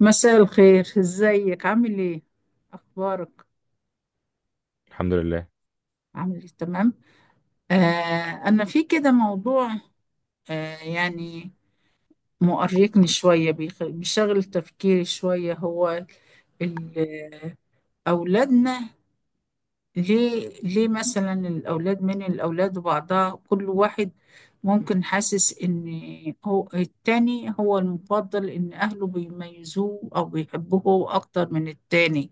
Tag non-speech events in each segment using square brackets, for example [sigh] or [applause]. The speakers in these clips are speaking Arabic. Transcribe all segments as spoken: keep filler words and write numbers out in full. مساء الخير، ازيك؟ عامل ايه؟ اخبارك؟ الحمد لله. عامل ايه؟ تمام. آه، انا في كده موضوع. آه يعني مؤرقني شويه، بيخ- بيشغل تفكيري شويه. هو ال- اولادنا، ليه ليه مثلا الاولاد من الاولاد وبعضها، كل واحد ممكن حاسس ان هو التاني هو المفضل، ان اهله بيميزوه او بيحبوه اكتر من التاني.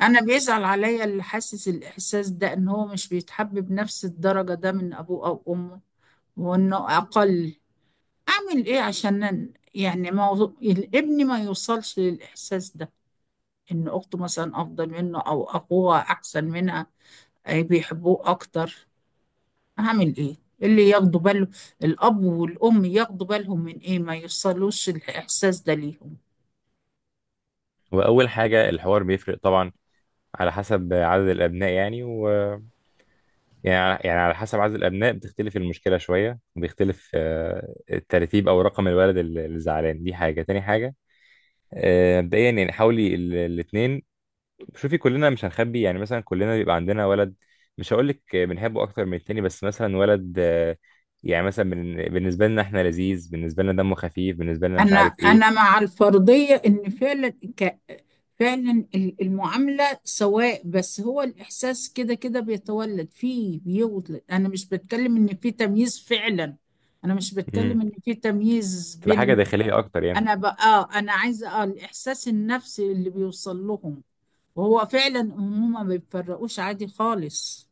انا بيزعل عليا اللي حاسس الاحساس ده، ان هو مش بيتحب بنفس الدرجة ده من ابوه او امه، وانه اقل. اعمل ايه عشان أن- يعني موضوع الابن ما يوصلش للاحساس ده، ان اخته مثلا افضل منه او اخوها احسن منها، أي بيحبوه اكتر؟ اعمل ايه؟ اللي ياخدوا باله، الاب والام، ياخدوا بالهم من ايه ما يوصلوش الاحساس ده ليهم. واول حاجه الحوار بيفرق طبعا على حسب عدد الابناء يعني و يعني يعني على حسب عدد الابناء بتختلف المشكله شويه وبيختلف آه، الترتيب او رقم الولد اللي اللي زعلان، دي حاجه. تاني حاجه آه، مبدئيا يعني حاولي الاثنين. شوفي، كلنا مش هنخبي، يعني مثلا كلنا بيبقى عندنا ولد مش هقول لك بنحبه اكتر من التاني، بس مثلا ولد آه، يعني مثلا بن- بالنسبه لنا احنا لذيذ، بالنسبه لنا دمه خفيف، بالنسبه لنا مش أنا عارف أنا ايه. مع الفرضية إن فعلا، ك... فعلا ال- المعاملة سواء، بس هو الإحساس كده كده بيتولد فيه، بيولد. أنا مش بتكلم إن في تمييز فعلا، أنا مش بتكلم مم. إن في تمييز تبقى حاجه بين. داخليه اكتر يعني. أنا بقى، أنا عايزة آه الإحساس النفسي اللي بيوصل لهم، وهو فعلا هما ما بيفرقوش عادي خالص.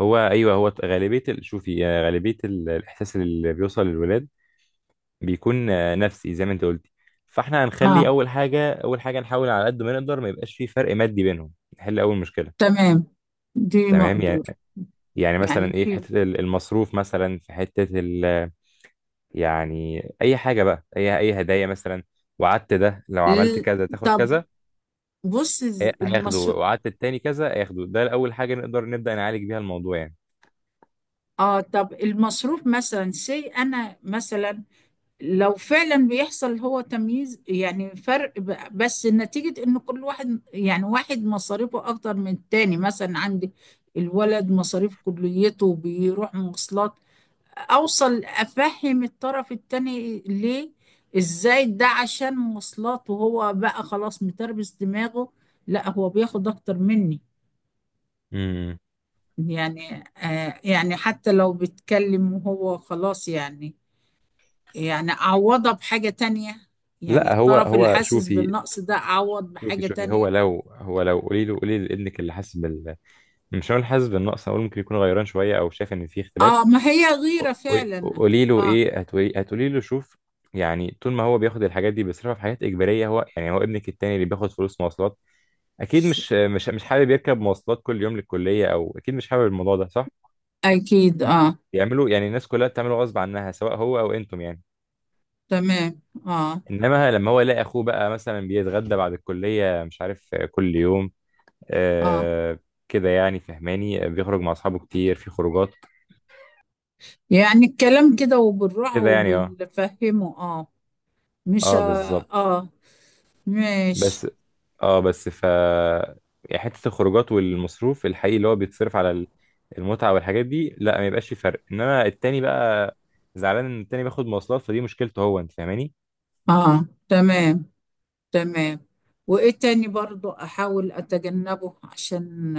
هو ايوه، هو غالبيه ال- شوفي، آه، غالبيه ال- الاحساس اللي بيوصل للولاد بيكون آه، نفسي زي ما انت قلتي. فاحنا آه هنخلي اول حاجه، اول حاجه نحاول على قد ما نقدر ما يبقاش في فرق مادي بينهم. نحل اول مشكله، تمام. دي تمام مقدور يعني. يعني يعني. مثلا ايه، في في حته ال- المصروف، مثلا في حته ال يعني اي حاجه بقى، اي اي هدايا مثلا، وعدت ده لو عملت ال- كذا تاخد طب، كذا. بص. هي- هياخده، المس... وعدت التاني كذا هياخده. ده اول حاجه نقدر نبدا نعالج بيها الموضوع يعني. اه، طب المصروف مثلا، سي انا مثلا لو فعلا بيحصل هو تمييز، يعني فرق، ب- بس نتيجة ان كل واحد، يعني واحد مصاريفه اكتر من التاني. مثلا عندي الولد مصاريف كليته، بيروح مواصلات. اوصل افهم الطرف التاني ليه، ازاي ده عشان مواصلات، وهو بقى خلاص متربس دماغه، لا هو بياخد اكتر مني. امم يعني آه يعني حتى لو بيتكلم وهو خلاص يعني، يعني أعوضها بحاجة تانية. يعني لا، هو الطرف اللي هو حاسس شوفي، بالنقص ده أعوض شوفي بحاجة شوفي هو تانية. لو، هو لو قولي له، قولي لابنك اللي حاسس بال، مش هقول حاسس بالنقص، اقول ممكن يكون غيران شويه او شايف ان في اختلاف. آه، ما هي غيرة قولي، فعلا. قولي له آه. ايه، هتقولي، هتقولي له شوف، يعني طول ما هو بياخد الحاجات دي بيصرفها في حاجات اجباريه هو. يعني هو ابنك التاني اللي بياخد فلوس مواصلات اكيد مش مش مش حابب يركب مواصلات كل يوم للكليه، او اكيد مش حابب الموضوع ده، صح؟ أكيد آه. بيعملوا يعني الناس كلها بتعمله غصب عنها سواء هو او انتم يعني. تمام. آه، انما لما هو يلاقي اخوه بقى مثلا بيتغدى بعد الكليه مش عارف كل يوم آه، آه كده يعني، فهماني؟ آه، بيخرج مع اصحابه كتير في خروجات يعني الكلام كده وبالراحة كده يعني. اه. وبالفهمه. آه، مش، اه آه، بالظبط آه، ماشي، بس اه بس ف يعني حته الخروجات والمصروف الحقيقي اللي هو بيتصرف على ال- المتعه والحاجات دي، لا ما يبقاش في فرق. انما التاني بقى زعلان ان التاني بياخد مواصلات، فدي مشكلته هو، انت فاهماني؟ آه، تمام، تمام. وإيه تاني برضو أحاول أتجنبه؟ عشان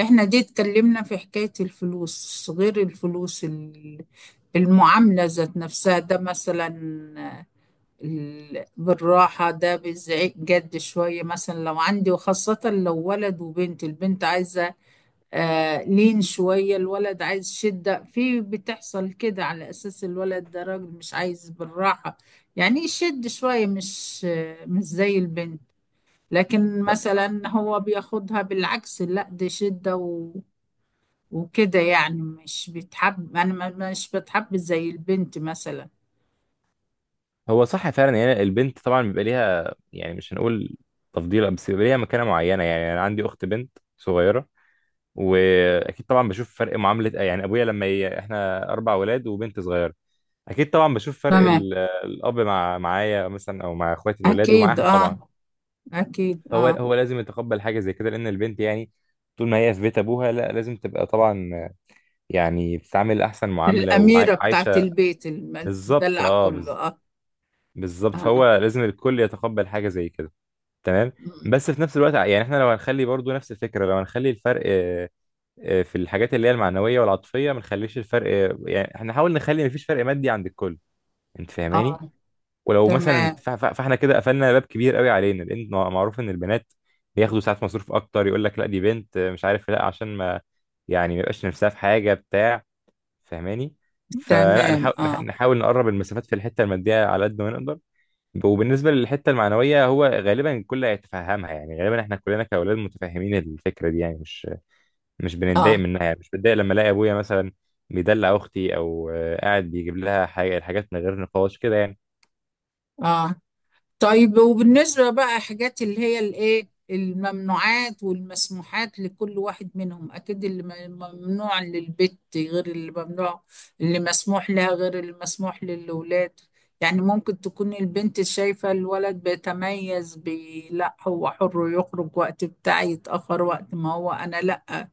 احنا دي اتكلمنا في حكاية الفلوس، غير الفلوس، ال- المعاملة ذات نفسها، ده مثلا ال- بالراحة، ده بالزعيق جد شوية. مثلا لو عندي، وخاصة لو ولد وبنت، البنت عايزة آه لين شوية، الولد عايز شدة في، بتحصل كده على أساس الولد ده راجل، مش عايز بالراحة، يعني يشد شوية، مش آه، مش زي البنت. لكن مثلا هو بياخدها بالعكس، لا دي شدة وكده، يعني مش بيتحب، انا ما- مش بتحب زي البنت مثلا. هو صح فعلا، يعني البنت طبعا بيبقى ليها، يعني مش هنقول تفضيل، بس بيبقى ليها مكانه معينه. يعني انا عندي اخت بنت صغيره، واكيد طبعا بشوف فرق معامله، يعني ابويا لما ي... احنا اربع ولاد وبنت صغيره، اكيد طبعا بشوف فرق تمام. ال... الاب مع، معايا مثلا او مع اخواتي الولاد، اكيد ومعاها اه. طبعا اكيد هو اه. هو لازم يتقبل حاجه زي كده، لان البنت يعني طول ما هي في بيت ابوها لا لازم تبقى طبعا يعني بتتعامل احسن معامله الاميره بتاعت وعايشه. البيت بالظبط. المدلع اه كله، بز... اه. بالظبط، اه، فهو لازم الكل يتقبل حاجه زي كده. تمام. بس في نفس الوقت يعني احنا لو هنخلي برضو نفس الفكره، لو هنخلي الفرق آه، في الحاجات اللي هي المعنويه والعاطفيه، ما نخليش الفرق، يعني احنا نحاول نخلي مفيش فرق مادي عند الكل، انت فاهماني؟ آه. ولو مثلا تمام. ف- ف- فاحنا كده قفلنا باب كبير قوي علينا، لان مع- معروف ان البنات بياخدوا ساعات مصروف اكتر، يقول لك لا دي بنت آه، مش عارف لا عشان ما يعني ما يبقاش نفسها في حاجه بتاع، فاهماني؟ فلا، تمام. نحاول نح- اه. نحاول نقرب المسافات في الحته الماديه على قد ما نقدر. وبالنسبه للحته المعنويه هو غالبا الكل هيتفهمها، يعني غالبا احنا كلنا كاولاد متفاهمين الفكره دي يعني، مش مش بنتضايق اه. منها. يعني مش بتضايق لما الاقي ابويا مثلا بيدلع اختي او آه، قاعد بيجيب لها حاجه، الحاجات من غير نقاش كده يعني. اه، طيب، وبالنسبة بقى حاجات اللي هي الايه، الممنوعات والمسموحات لكل واحد منهم، اكيد اللي م- ممنوع للبت غير اللي ممنوع، اللي مسموح لها غير اللي مسموح للولاد. يعني ممكن تكون البنت شايفة الولد بيتميز، بي، لا هو حر يخرج وقت بتاعي، يتأخر وقت ما هو، انا لا،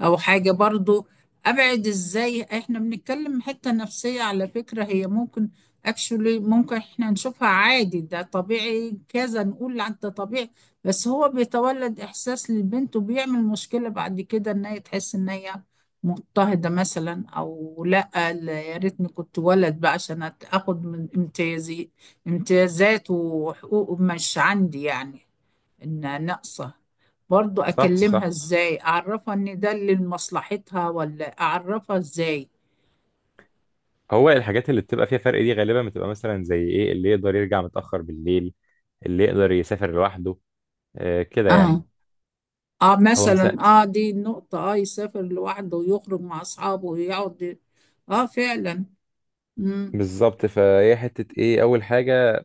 او حاجة برضو. ابعد ازاي؟ احنا بنتكلم حتة نفسية على فكرة. هي ممكن اكشولي ممكن احنا نشوفها عادي، ده طبيعي كذا، نقول عن ده طبيعي، بس هو بيتولد احساس للبنت وبيعمل مشكلة بعد كده، ان هي تحس ان هي مضطهدة مثلا، او لا. لا، يا ريتني كنت ولد بقى عشان أت- اخد من امتيازي، امتيازات وحقوق مش عندي يعني، ان ناقصة. برضو صح، اكلمها صح. ازاي؟ اعرفها ان ده اللي لمصلحتها، ولا اعرفها ازاي؟ هو الحاجات اللي بتبقى فيها فرق دي غالبا بتبقى مثلا زي ايه، اللي يقدر يرجع متاخر بالليل، اللي يقدر يسافر لوحده، آه، كده يعني. اه. اه هو مثلا. مثلا اه دي النقطة. اه، يسافر لوحده ويخرج مع اصحابه ويقعد، ي- اه فعلا. مم. بالظبط، فهي حته ايه، اول حاجه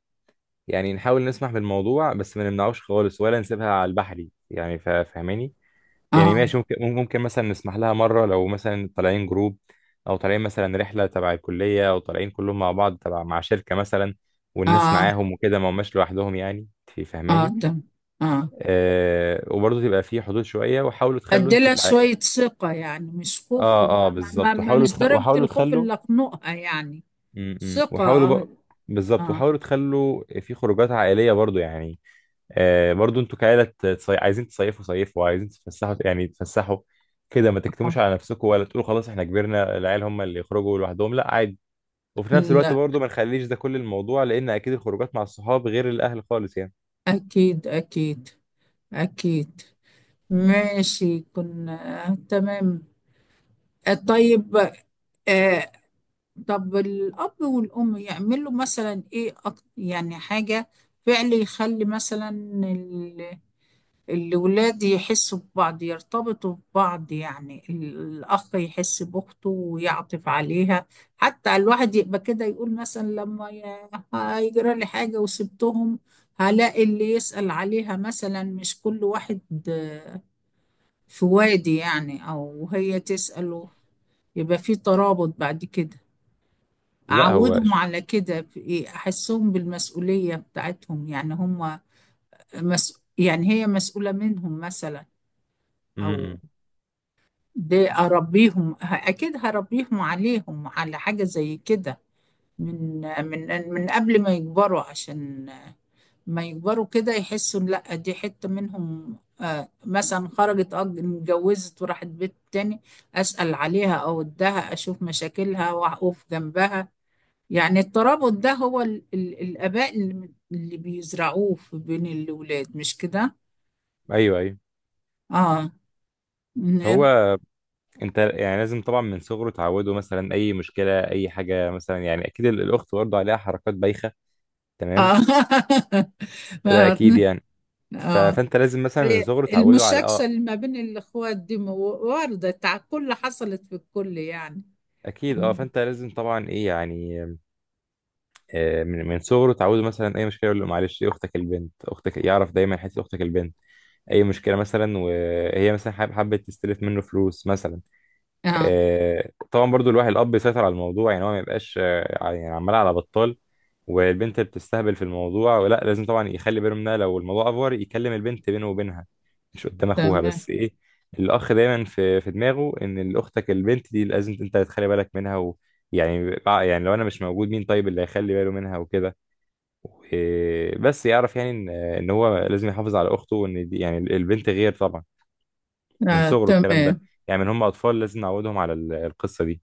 يعني نحاول نسمح بالموضوع، بس ما نمنعوش خالص ولا نسيبها على البحري يعني، فا- فاهماني؟ يعني اه. ماشي، ممكن ممكن مثلا نسمح لها مرة لو مثلا طالعين جروب، أو طالعين مثلا رحلة تبع الكلية، أو طالعين كلهم مع بعض تبع مع شركة مثلا والناس اه. معاهم وكده، ما هماش لوحدهم يعني، في، اه فهماني؟ تم. اه. آه وبرضه تبقى في حدود شوية، وحاولوا تخلوا انتوا اديلها شوية كعائلة، ثقة يعني، مش خوف، ما اه اه ما ما بالظبط. ما- وحاولوا مش تخ... درجة وحاولوا الخوف تخلوا، اللي اخنقها يعني. م -م. ثقة وحاولوا ب... اه. بالظبط، اه، وحاولوا تخلوا في خروجات عائلية برضه يعني، آه، برضو انتوا كعيلة تصي... عايزين تصيفوا صيفوا، عايزين تفسحوا يعني تفسحوا كده، ما تكتموش على نفسكم، ولا تقولوا خلاص احنا كبرنا العيال هم اللي يخرجوا لوحدهم، لا عادي. وفي نفس الوقت لا، برضو ما نخليش ده كل الموضوع، لان اكيد الخروجات مع الصحاب غير الاهل خالص يعني. أكيد أكيد. أكيد. ماشي، كنا تمام. آه، طيب. آه، طب الأب والأم يعملوا مثلا إيه؟ أك- يعني حاجة فعل يخلي مثلا ال- الولاد يحسوا ببعض، يرتبطوا ببعض. يعني الأخ يحس بأخته ويعطف عليها، حتى الواحد يبقى كده يقول مثلا، لما ي- هيجرى لي حاجة وسبتهم، هلاقي اللي يسأل عليها مثلا، مش كل واحد آه، في وادي يعني، أو هي تسأله. يبقى في ترابط بعد كده. لا هو أعودهم ش... على كده في إيه؟ أحسهم بالمسؤولية بتاعتهم، يعني هم مس... يعني هي مسؤولة منهم مثلا. م أو -م. دي أربيهم، ه- أكيد هربيهم عليهم على حاجة زي كده، من من من قبل ما يكبروا، عشان ما يكبروا كده يحسوا إن لا دي حتة منهم. آه، مثلا خرجت، أج- اتجوزت وراحت بيت تاني، أسأل عليها أو أدها، أشوف مشاكلها وأقف جنبها. يعني الترابط ده هو ال ال الآباء اللي, اللي بيزرعوه في بين الأولاد، مش كده؟ ايوه، ايوه. اه. هو من- انت يعني لازم طبعا من صغره تعوده مثلا اي مشكله اي حاجه، مثلا يعني اكيد ال- الاخت برضه عليها حركات بايخه، اه تمام، [laughs] ده اكيد ما- يعني. ف... اه، فانت لازم مثلا من صغره تعوده على المشاكسة اه، اللي ما بين الأخوات دي مو- واردة على الكل، حصلت في الكل يعني. اكيد اه. مم. فانت لازم طبعا ايه يعني آه، من من صغره اتعودوا مثلا اي مشكله يقول له معلش دي اختك البنت، اختك، يعرف دايما حته اختك البنت. اي مشكله مثلا وهي مثلا حاب- حابه تستلف منه فلوس مثلا، اه. آه، طبعا برضو الواحد الاب يسيطر على الموضوع، يعني هو ما يبقاش آه، ع- يعني عمال على بطال والبنت بتستهبل في الموضوع، ولا لازم طبعا يخلي باله منها. لو الموضوع افور يكلم البنت بينه وبينها مش قدام اخوها، تمام. بس ايه الاخ دايما في في دماغه ان اختك البنت دي لازم انت تخلي بالك منها و، يعني بع- يعني لو انا مش موجود، مين طيب اللي هيخلي باله منها وكده؟ وبس يعرف يعني ان ان هو لازم يحافظ على اخته، وان دي يعني البنت غير طبعا، من آه، صغره الكلام ده تمام. يعني. من هم اطفال لازم نعودهم على ال- القصه دي.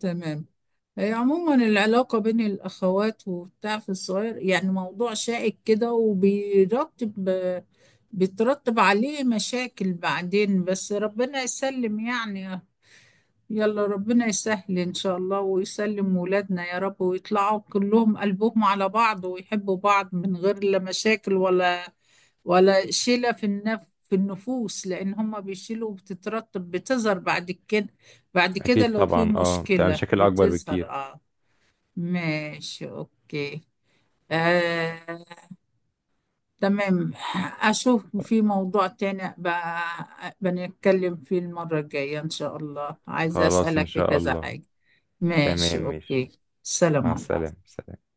تمام. هي عموما العلاقة بين الأخوات وبتاع في الصغير، يعني موضوع شائك كده، وبيرتب بيترتب عليه مشاكل بعدين، بس ربنا يسلم يعني. يلا، ربنا يسهل إن شاء الله، ويسلم ولادنا يا رب، ويطلعوا كلهم قلبهم على بعض ويحبوا بعض، من غير لا مشاكل ولا ولا شيلة في النف في النفوس، لأن هما بيشيلوا وبتترتب، بتظهر بعد كده. بعد كده اكيد لو في طبعا اه بتبقى مشكلة مشاكل اكبر بتظهر، بكتير. اه. ماشي، اوكي. آه، تمام. اشوف في موضوع تاني بقى بنتكلم فيه المرة الجاية ان شاء الله، عايزة خلاص ان اسألك في شاء كذا الله. حاجة. تمام ماشي، ماشي، اوكي. مع سلام السلامه. عليكم. سلام.